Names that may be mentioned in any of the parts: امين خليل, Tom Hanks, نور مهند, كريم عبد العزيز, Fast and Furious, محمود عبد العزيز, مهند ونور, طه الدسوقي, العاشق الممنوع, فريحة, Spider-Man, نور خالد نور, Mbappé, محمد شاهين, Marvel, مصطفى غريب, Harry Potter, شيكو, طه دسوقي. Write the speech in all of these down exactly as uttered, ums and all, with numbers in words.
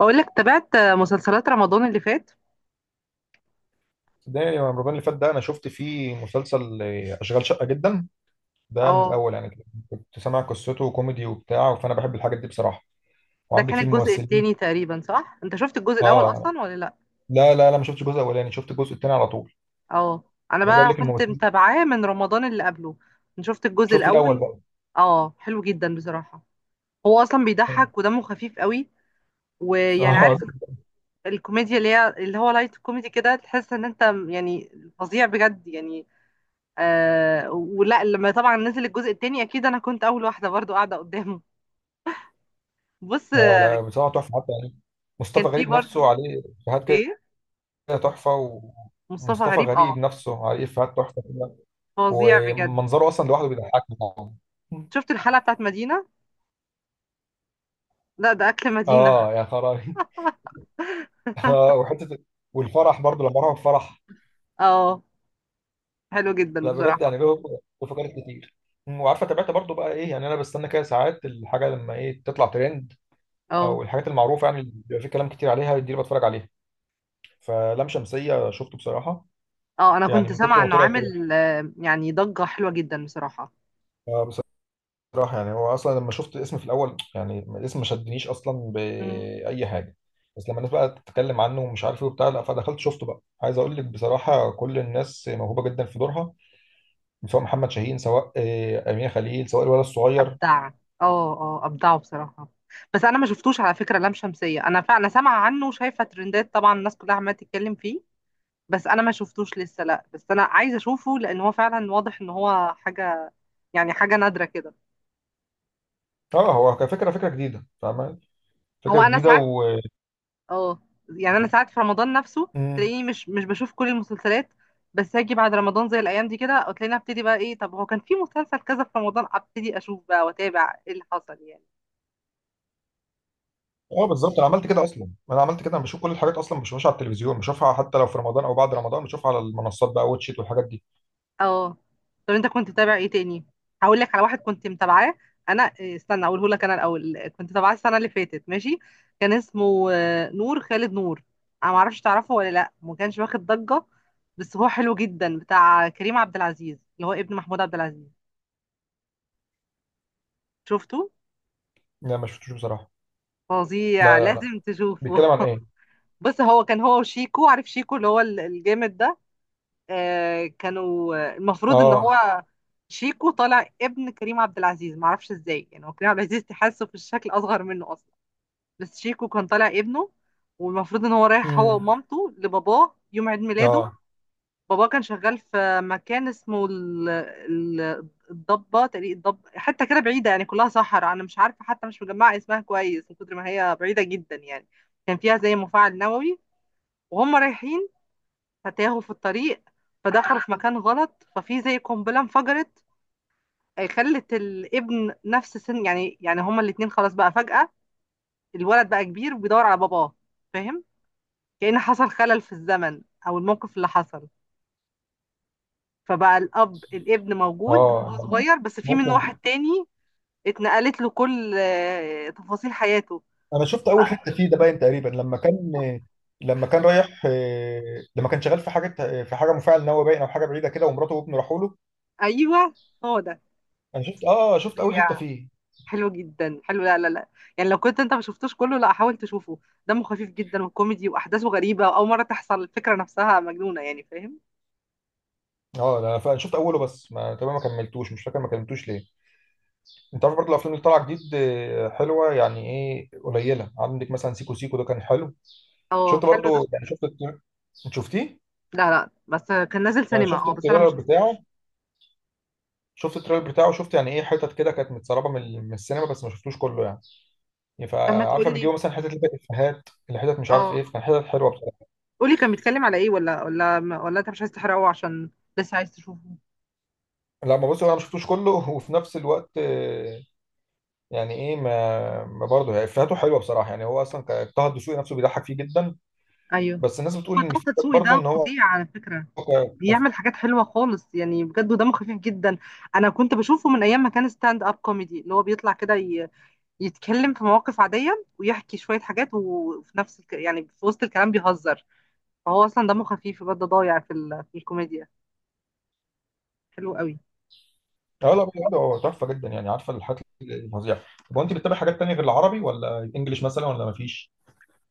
بقول لك تابعت مسلسلات رمضان اللي فات. ده يا رمضان اللي فات ده انا شفت فيه مسلسل آه، اشغال شقه جدا. ده من اه. الاول يعني كده. كنت سامع قصته وكوميدي وبتاع فانا بحب الحاجات دي بصراحه. ده وعندك كان فيه الجزء الممثلين. التاني تقريبا، صح؟ انت شفت الجزء الاول اه. اصلا ولا لا؟ لا لا لا، ما شفتش الجزء الاولاني، شفت الجزء الثاني على طول. اه. انا عايز اقول بقى لك كنت الممثلين. متابعاه من رمضان اللي قبله. انا شفت الجزء شفت الاول الاول. بقى. اه، حلو جدا بصراحة. هو اصلا اه بيضحك ودمه خفيف قوي. ويعني اه. عارف ال- الكوميديا اللي هي اللي هو لايت كوميدي كده، تحس ان انت م- يعني فظيع بجد يعني. آه ولا لما طبعا نزل الجزء التاني اكيد انا كنت اول واحدة برضو قاعدة قدامه. بص. آه، آه، لا بصراحه تحفه حتى يعني. كان مصطفى في غريب نفسه برضو عليه افيهات كده ايه، تحفه. مصطفى ومصطفى غريب، غريب اه نفسه عليه افيهات تحفه كده. فظيع بجد. ومنظره اصلا لوحده بيضحكني طبعا. شفت الحلقة بتاعت مدينة؟ لا ده اكل مدينة. اه يا خرابي. اه وحته. والفرح برضه لما راحوا الفرح. اه، حلو جدا لا بجد بصراحة. يعني له له فقرات كتير. أمم، وعارفه تابعت برضه بقى ايه، يعني انا بستنى كده ساعات الحاجه لما ايه تطلع ترند، او اه الحاجات المعروفه يعني اللي بيبقى في كلام كتير عليها دي اللي بتفرج عليها. فلام شمسيه شفته بصراحه، اه. انا يعني كنت من كتر سامعة ما انه طلع ترند. عامل آه، يعني ضجة حلوة جدا بصراحة. آه، بصراحه يعني هو اصلا لما شفت الاسم في الاول، يعني الاسم ما شدنيش اصلا مم. باي حاجه. بس لما الناس بقى تتكلم عنه ومش عارف ايه وبتاع، لا فدخلت شفته بقى. عايز اقول لك بصراحه كل الناس موهوبه جدا في دورها، سواء محمد شاهين سواء آه، امين خليل سواء الولد الصغير. ابدع اه. اه ابدعه بصراحة. بس انا ما شفتوش على فكرة لام شمسية، انا فعلا سامعة عنه وشايفة ترندات طبعا الناس كلها عمالة تتكلم فيه. بس انا ما شفتوش لسه، لا بس انا عايزة اشوفه لان هو فعلا واضح ان هو حاجة يعني حاجة نادرة كده. اه هو كفكره فكره جديده فاهم. هو فكره انا جديده ساعات، و اه، يعني انا ساعات في رمضان نفسه امم. تلاقيني مش مش بشوف كل المسلسلات، بس هاجي بعد رمضان زي الايام دي كده تلاقيني ابتدي بقى ايه، طب هو كان في مسلسل كذا في رمضان، ابتدي اشوف بقى واتابع ايه اللي حصل يعني. اه بالظبط انا عملت كده اصلا. انا عملت كده، انا بشوف كل الحاجات اصلا ما بشوفهاش على التلفزيون، بشوفها حتى لو في رمضان او بعد رمضان، بشوفها على المنصات بقى واتشيت والحاجات دي. اه. طب انت كنت متابع ايه تاني؟ هقول لك على واحد كنت متابعاه. انا إيه، استنى اقوله لك. انا الاول كنت متابعاه السنه اللي فاتت ماشي، كان اسمه آه، نور، خالد نور. انا ما اعرفش تعرفه ولا لا، ما كانش واخد ضجه بس هو حلو جدا، بتاع كريم عبد العزيز اللي هو ابن محمود عبد العزيز. شفته؟ لا ما شفتوش بصراحه. فظيع، لا لا لا. لازم تشوفه. بيتكلم عن ايه؟ بص، هو كان هو وشيكو، عارف شيكو اللي هو ال- الجامد ده، آه كانوا آه، المفروض ان اه هو شيكو طالع ابن كريم عبد العزيز، معرفش ازاي يعني هو كريم عبد العزيز تحسه في الشكل اصغر منه اصلا بس شيكو كان طالع ابنه. والمفروض ان هو رايح هو امم ومامته لباباه يوم عيد ميلاده. اه بابا كان شغال في مكان اسمه ال- ال- الضبة تقريبا، الضب، حتة كده بعيدة يعني كلها صحراء، أنا مش عارفة حتى مش مجمعة اسمها كويس من كتر ما هي بعيدة جدا يعني. كان فيها زي مفاعل نووي، وهم رايحين فتاهوا في الطريق فدخلوا في مكان غلط ففي زي قنبلة انفجرت آه، خلت الابن نفس سن يعني، يعني هما الاتنين خلاص بقى فجأة الولد بقى كبير وبيدور على باباه، فاهم؟ كأن حصل خلل في الزمن أو الموقف اللي حصل، فبقى الاب الابن موجود اه. وهو أنا- صغير بس في منه ممكن. واحد تاني، اتنقلت له كل آه، تفاصيل حياته. انا شفت اول حته فيه، ده باين تقريبا لما كان، لما كان رايح، آه، لما كان شغال في حاجه في حاجه مفاعل نووي باين او حاجه بعيده كده، ومراته وابنه راحوا له. ايوه هو ده. انا شفت اه شفت اول فظيع، حته فيه. حلو جدا، حلو، لا لا لا، يعني لو كنت انت ما شفتوش كله لا حاول تشوفه. دمه خفيف جدا وكوميدي واحداثه غريبه واول مره تحصل الفكره نفسها مجنونه يعني، فاهم؟ اه انا فعلا شفت اوله بس ما تمام ما كملتوش، مش فاكر ما كملتوش ليه. انت عارف برضه الافلام اللي طالعه جديد آه، حلوه يعني ايه قليله، عندك مثلا سيكو سيكو ده كان حلو. اه شفت حلو ده. برضه، يعني شفت التر- انت شفتيه؟ لا لا بس كان نازل يعني سينما، شفت اه بس انا ما التريلر بتاعه. شفتوش. شفت التريلر بتاعه، شفت يعني ايه حتت كده كانت متسربه من ال- من السينما، بس ما شفتوش كله يعني. يعني طب ما فعارفه تقولي، بيجيبوا مثلا حتت اللي فيها افيهات، اللي حتت مش عارف اه ايه، فكان حتت حلوه بصراحه. قولي، كان بيتكلم على ايه؟ ولا ولا ولا انت مش عايز تحرقه عشان لسه عايز تشوفه؟ لا ما بص انا ما شفتوش كله وفي نفس الوقت، آه، يعني ايه ما, ما برضه هي افاته حلوه بصراحه. يعني هو اصلا ك- طه الدسوقي نفسه بيضحك فيه جدا. ايوه. بس الناس بتقول هو ان فكرة طه دسوقي برضه ده ان هو فظيع على فكرة، ك- ك- بيعمل حاجات حلوة خالص يعني بجد ودمه خفيف جدا. أنا كنت بشوفه من أيام ما كان ستاند أب كوميدي، اللي هو بيطلع كده ي- يتكلم في مواقف عادية ويحكي شوية حاجات وفي نفس الك... يعني في وسط الكلام بيهزر. فهو أصلا دمه خفيف بجد، ضايع في ال... في الكوميديا. حلو قوي. اه لا بجد هو تحفه جدا، يعني عارفه الحاجات الفظيعه. طب هو انت بتتابع حاجات تانية غير العربي ولا الانجليش مثلا ولا ما فيش؟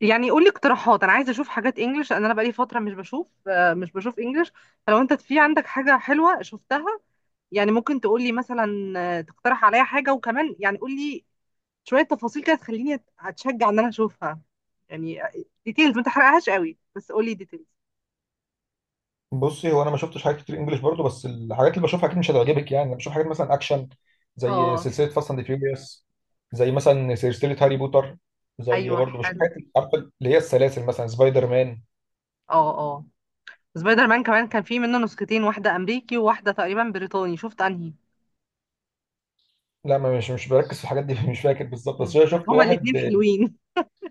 يعني قول لي اقتراحات، أنا عايزة أشوف حاجات إنجلش لأن أنا بقالي فترة مش بشوف، آه، مش بشوف إنجلش، فلو أنت في عندك حاجة حلوة شفتها يعني ممكن تقول لي مثلا آه، تقترح عليا حاجة، وكمان يعني قول لي شويه تفاصيل كده تخليني أت- اتشجع ان انا اشوفها يعني. ديتيلز ما تحرقهاش قوي بس قولي ديتيلز. بصي، هو انا ما شفتش حاجات كتير انجليش برضه، بس الحاجات اللي بشوفها اكيد مش هتعجبك. يعني انا بشوف حاجات مثلا اكشن، زي اه. سلسله فاست اند فيوريوس، زي مثلا سلسله هاري بوتر، زي ايوه برضه بشوف حلو. حاجات عارفه اللي هي السلاسل مثلا سبايدر مان. اه اه. سبايدر مان كمان كان في منه نسختين، واحده امريكي وواحده تقريبا بريطاني، شفت انهي؟ لا ما مش مش بركز في الحاجات دي مش فاكر بالظبط، مم. بس انا بس شفت هما الاثنين واحد. حلوين.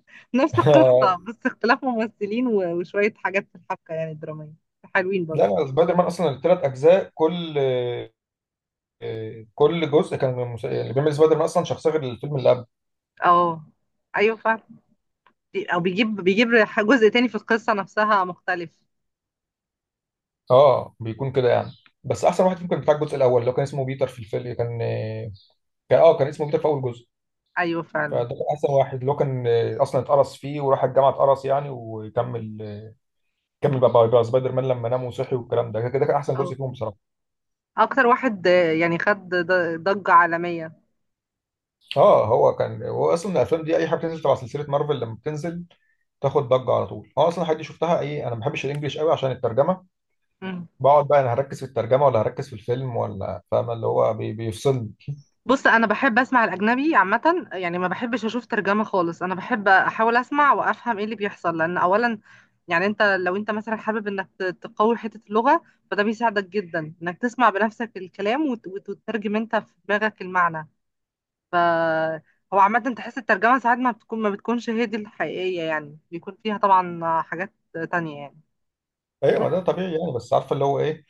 نفس القصه بس اختلاف ممثلين و- وشويه حاجات في الحبكه يعني الدراميه. حلوين برضو. لا سبايدر مان اصلا الثلاث اجزاء، كل كل جزء كان مس- اللي بيعمل سبايدر مان اصلا شخصيه غير الفيلم اللي قبل. اه ايوه فعلا. بي- او بيجيب بيجيب ح- جزء تاني في القصه نفسها مختلف. اه بيكون كده يعني. بس احسن واحد ممكن بتاع الجزء الاول، اللي هو كان اسمه بيتر في الفيلم كان كان اه كان اسمه بيتر في اول جزء. ايوه فعلا. فده كان احسن واحد، اللي هو كان اصلا اتقرص فيه وراح الجامعه اتقرص يعني وكمل كمل بقى بقى سبايدر مان لما نام وصحي، والكلام ده كده كان احسن جزء اه فيهم بصراحه. اكتر واحد آه، يعني خد ض- ضجة عالمية. اه هو كان هو اصلا الافلام دي اي حاجه بتنزل تبع سلسله مارفل لما بتنزل تاخد ضجه على طول. اه اصلا حد شفتها ايه. انا ما بحبش الانجليش قوي عشان الترجمه. مم. بقعد بقى انا هركز في الترجمه ولا هركز في الفيلم، ولا فاهم، اللي هو بي بيفصلني. بص انا بحب اسمع الاجنبي عامة، يعني ما بحبش اشوف ترجمة خالص، انا بحب احاول اسمع وافهم ايه اللي بيحصل لان اولا يعني انت لو انت مثلا حابب انك ت- تقوي حتة اللغة فده بيساعدك جدا انك تسمع بنفسك الكلام وت- وت- وتترجم انت في دماغك المعنى. ف هو عامة تحس الترجمة ساعات ما بتكون ما بتكونش هي دي الحقيقية يعني بيكون فيها طبعا حاجات تانية يعني. ايوه بس ما ده طبيعي يعني. بس عارفه اللي هو ايه،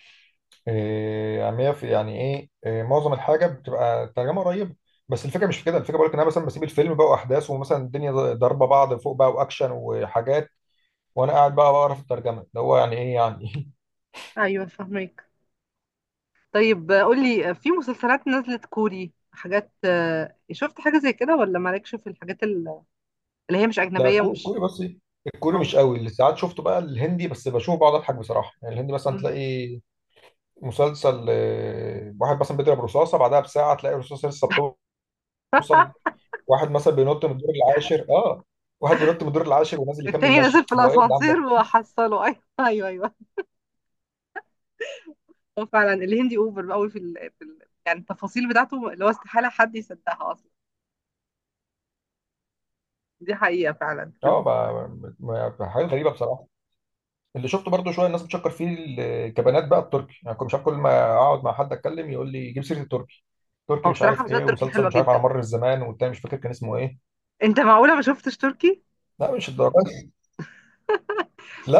إيه، عاميه في يعني ايه, إيه معظم الحاجه بتبقى الترجمه قريبه. بس الفكره مش في كده، الفكره بقول لك ان انا مثلا بسيب الفيلم بقى واحداث، ومثلا الدنيا ضاربه بعض فوق بقى واكشن وحاجات، وانا قاعد بقى بقرا في الترجمه، اللي هو يعني ايه يعني. ايوه فاهمك. طيب قولي، في مسلسلات نزلت كوري حاجات آه، شفت حاجة زي كده ولا مالكش في الحاجات ال- اللي هي مش لا أجنبية كو- ومش، كوري بس إيه، الكوري أو مش قوي. اللي ساعات شفته بقى الهندي، بس بشوفه بقعد اضحك بصراحه. يعني الهندي مثلا مم. تلاقي مسلسل، آه، واحد مثلا بيضرب رصاصه بعدها بساعه تلاقي الرصاصه لسه بتوصل. واحد مثلا بينط من الدور العاشر اه. واحد بينط من الدور العاشر ونازل يكمل التاني نازل ماشي، في هو ايه الكلام الأسانسير ده؟ وحصله. أيوه أيوه أيوه. هو فعلا الهندي أوفر قوي في ال... في ال... يعني التفاصيل بتاعته اللي هو استحالة حد يصدقها أصلا، دي حقيقة فعلا في الم... اه ما- ما- ما- حاجات غريبه بصراحه. اللي شفته برضو شويه الناس بتشكر فيه الكبانات بقى التركي، يعني كنت مش عارف، كل ما اقعد مع حد اتكلم يقول لي جيب سيره التركي، تركي هو مش بصراحة عارف ايه مسلسلات تركي ومسلسل حلوة مش عارف على جدا. مر الزمان، والتاني مش فاكر كان اسمه ايه. أنت معقولة ما شفتش تركي؟ لا مش الدرجه.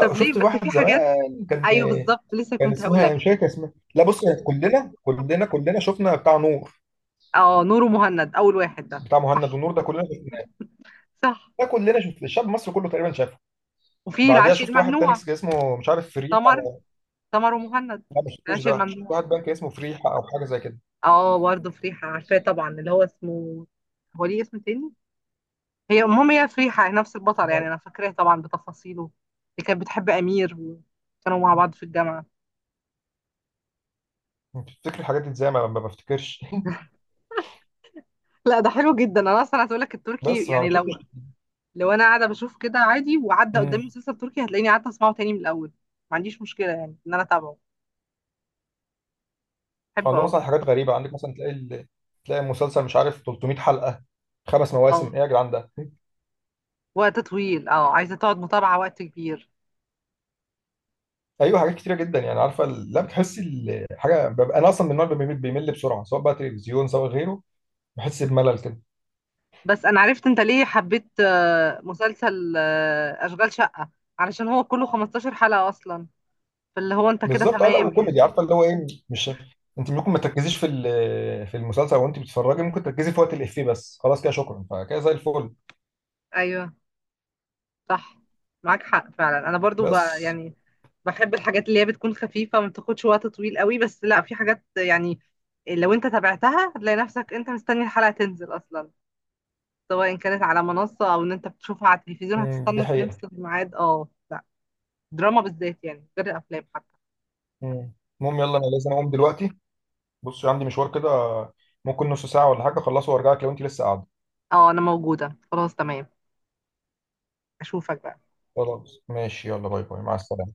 طب ليه شفت بس واحد في حاجات، زمان كان. أيوه بالظبط لسه كان كنت هقول اسمها لك. إيه؟ مش فاكر اسمها. لا بص، هي كلنا كلنا كلنا شفنا بتاع نور. أه نور، مهند، أول واحد ده. بتاع مهند صح. ونور ده كلنا شفناه. صح. ده كلنا شفت الشعب المصري كله تقريبا شافه. وفي بعديها العاشق شفت واحد تاني الممنوع. كان اسمه مش عارف فريحه. تمر، تمر ومهند. لا ما شفتوش العيش ده، شفت الممنوع. واحد بقى كان اسمه فريحه او حاجه زي كده. اه برضه فريحة عارفاه طبعا، اللي هو اسمه، هو ليه اسم تاني، هي المهم هي فريحة، هي نفس البطل يعني انا فاكراه طبعا بتفاصيله، اللي كانت بتحب امير وكانوا مع بعض في الجامعة. بتفتكر الحاجات دي ازاي، ما ما بفتكرش. لا ده حلو جدا، انا اصلا عايز اقول لك التركي بس فما يعني شفتش. لو، لو انا قاعدة بشوف كده عادي وعدى امم. قدامي مسلسل تركي هتلاقيني قاعدة اسمعه تاني من الاول. ما عنديش مشكلة يعني ان انا اتابعه، بحبه عندهم قوي. اصلا حاجات غريبه، عندك مثلا تلاقي ال... تلاقي المسلسل مش عارف تلت ميت حلقه، خمس اه مواسم ايه يا جدعان ده. وقت طويل اه، عايزة تقعد متابعة وقت كبير. ايوه حاجات كتيره جدا، يعني عارفه ال- لا بتحسي ال- حاجه ببقى انا اصلا من النوع اللي بيمل بيمل بسرعه سواء بقى تلفزيون سواء غيره. بحس بملل كده. بس انا عرفت انت ليه حبيت آه، مسلسل آه، اشغال شقة، علشان هو كله خمسة عشر حلقة اصلا، فاللي هو انت كده بالظبط اه لا تمام يعني. وكوميدي عارفه اللي هو ايه مش. انت ممكن ما تركزيش في ال- في المسلسل، وانت بتتفرجي ممكن تركزي في وقت الافيه بس خلاص كده شكرا، فكده زي الفل. ايوه صح. معاك حق فعلا، انا برضو ب... بس يعني بحب الحاجات اللي هي بتكون خفيفة ما بتاخدش وقت طويل قوي، بس لا في حاجات يعني لو انت تابعتها هتلاقي نفسك انت مستني الحلقة تنزل اصلا، سواء كانت على منصة او ان انت بتشوفها على التلفزيون مم، دي هتستنى في حقيقه. نفس الميعاد. اه لا دراما بالذات يعني، غير الافلام حتى. مم. المهم يلا انا لازم اقوم دلوقتي، بص عندي مشوار كده، ممكن نص ساعه ولا حاجه اخلصه وارجع لك لو انت لسه قاعده. اه انا موجودة، خلاص تمام، اشوفك بقى. خلاص ماشي يلا، باي باي مع السلامه.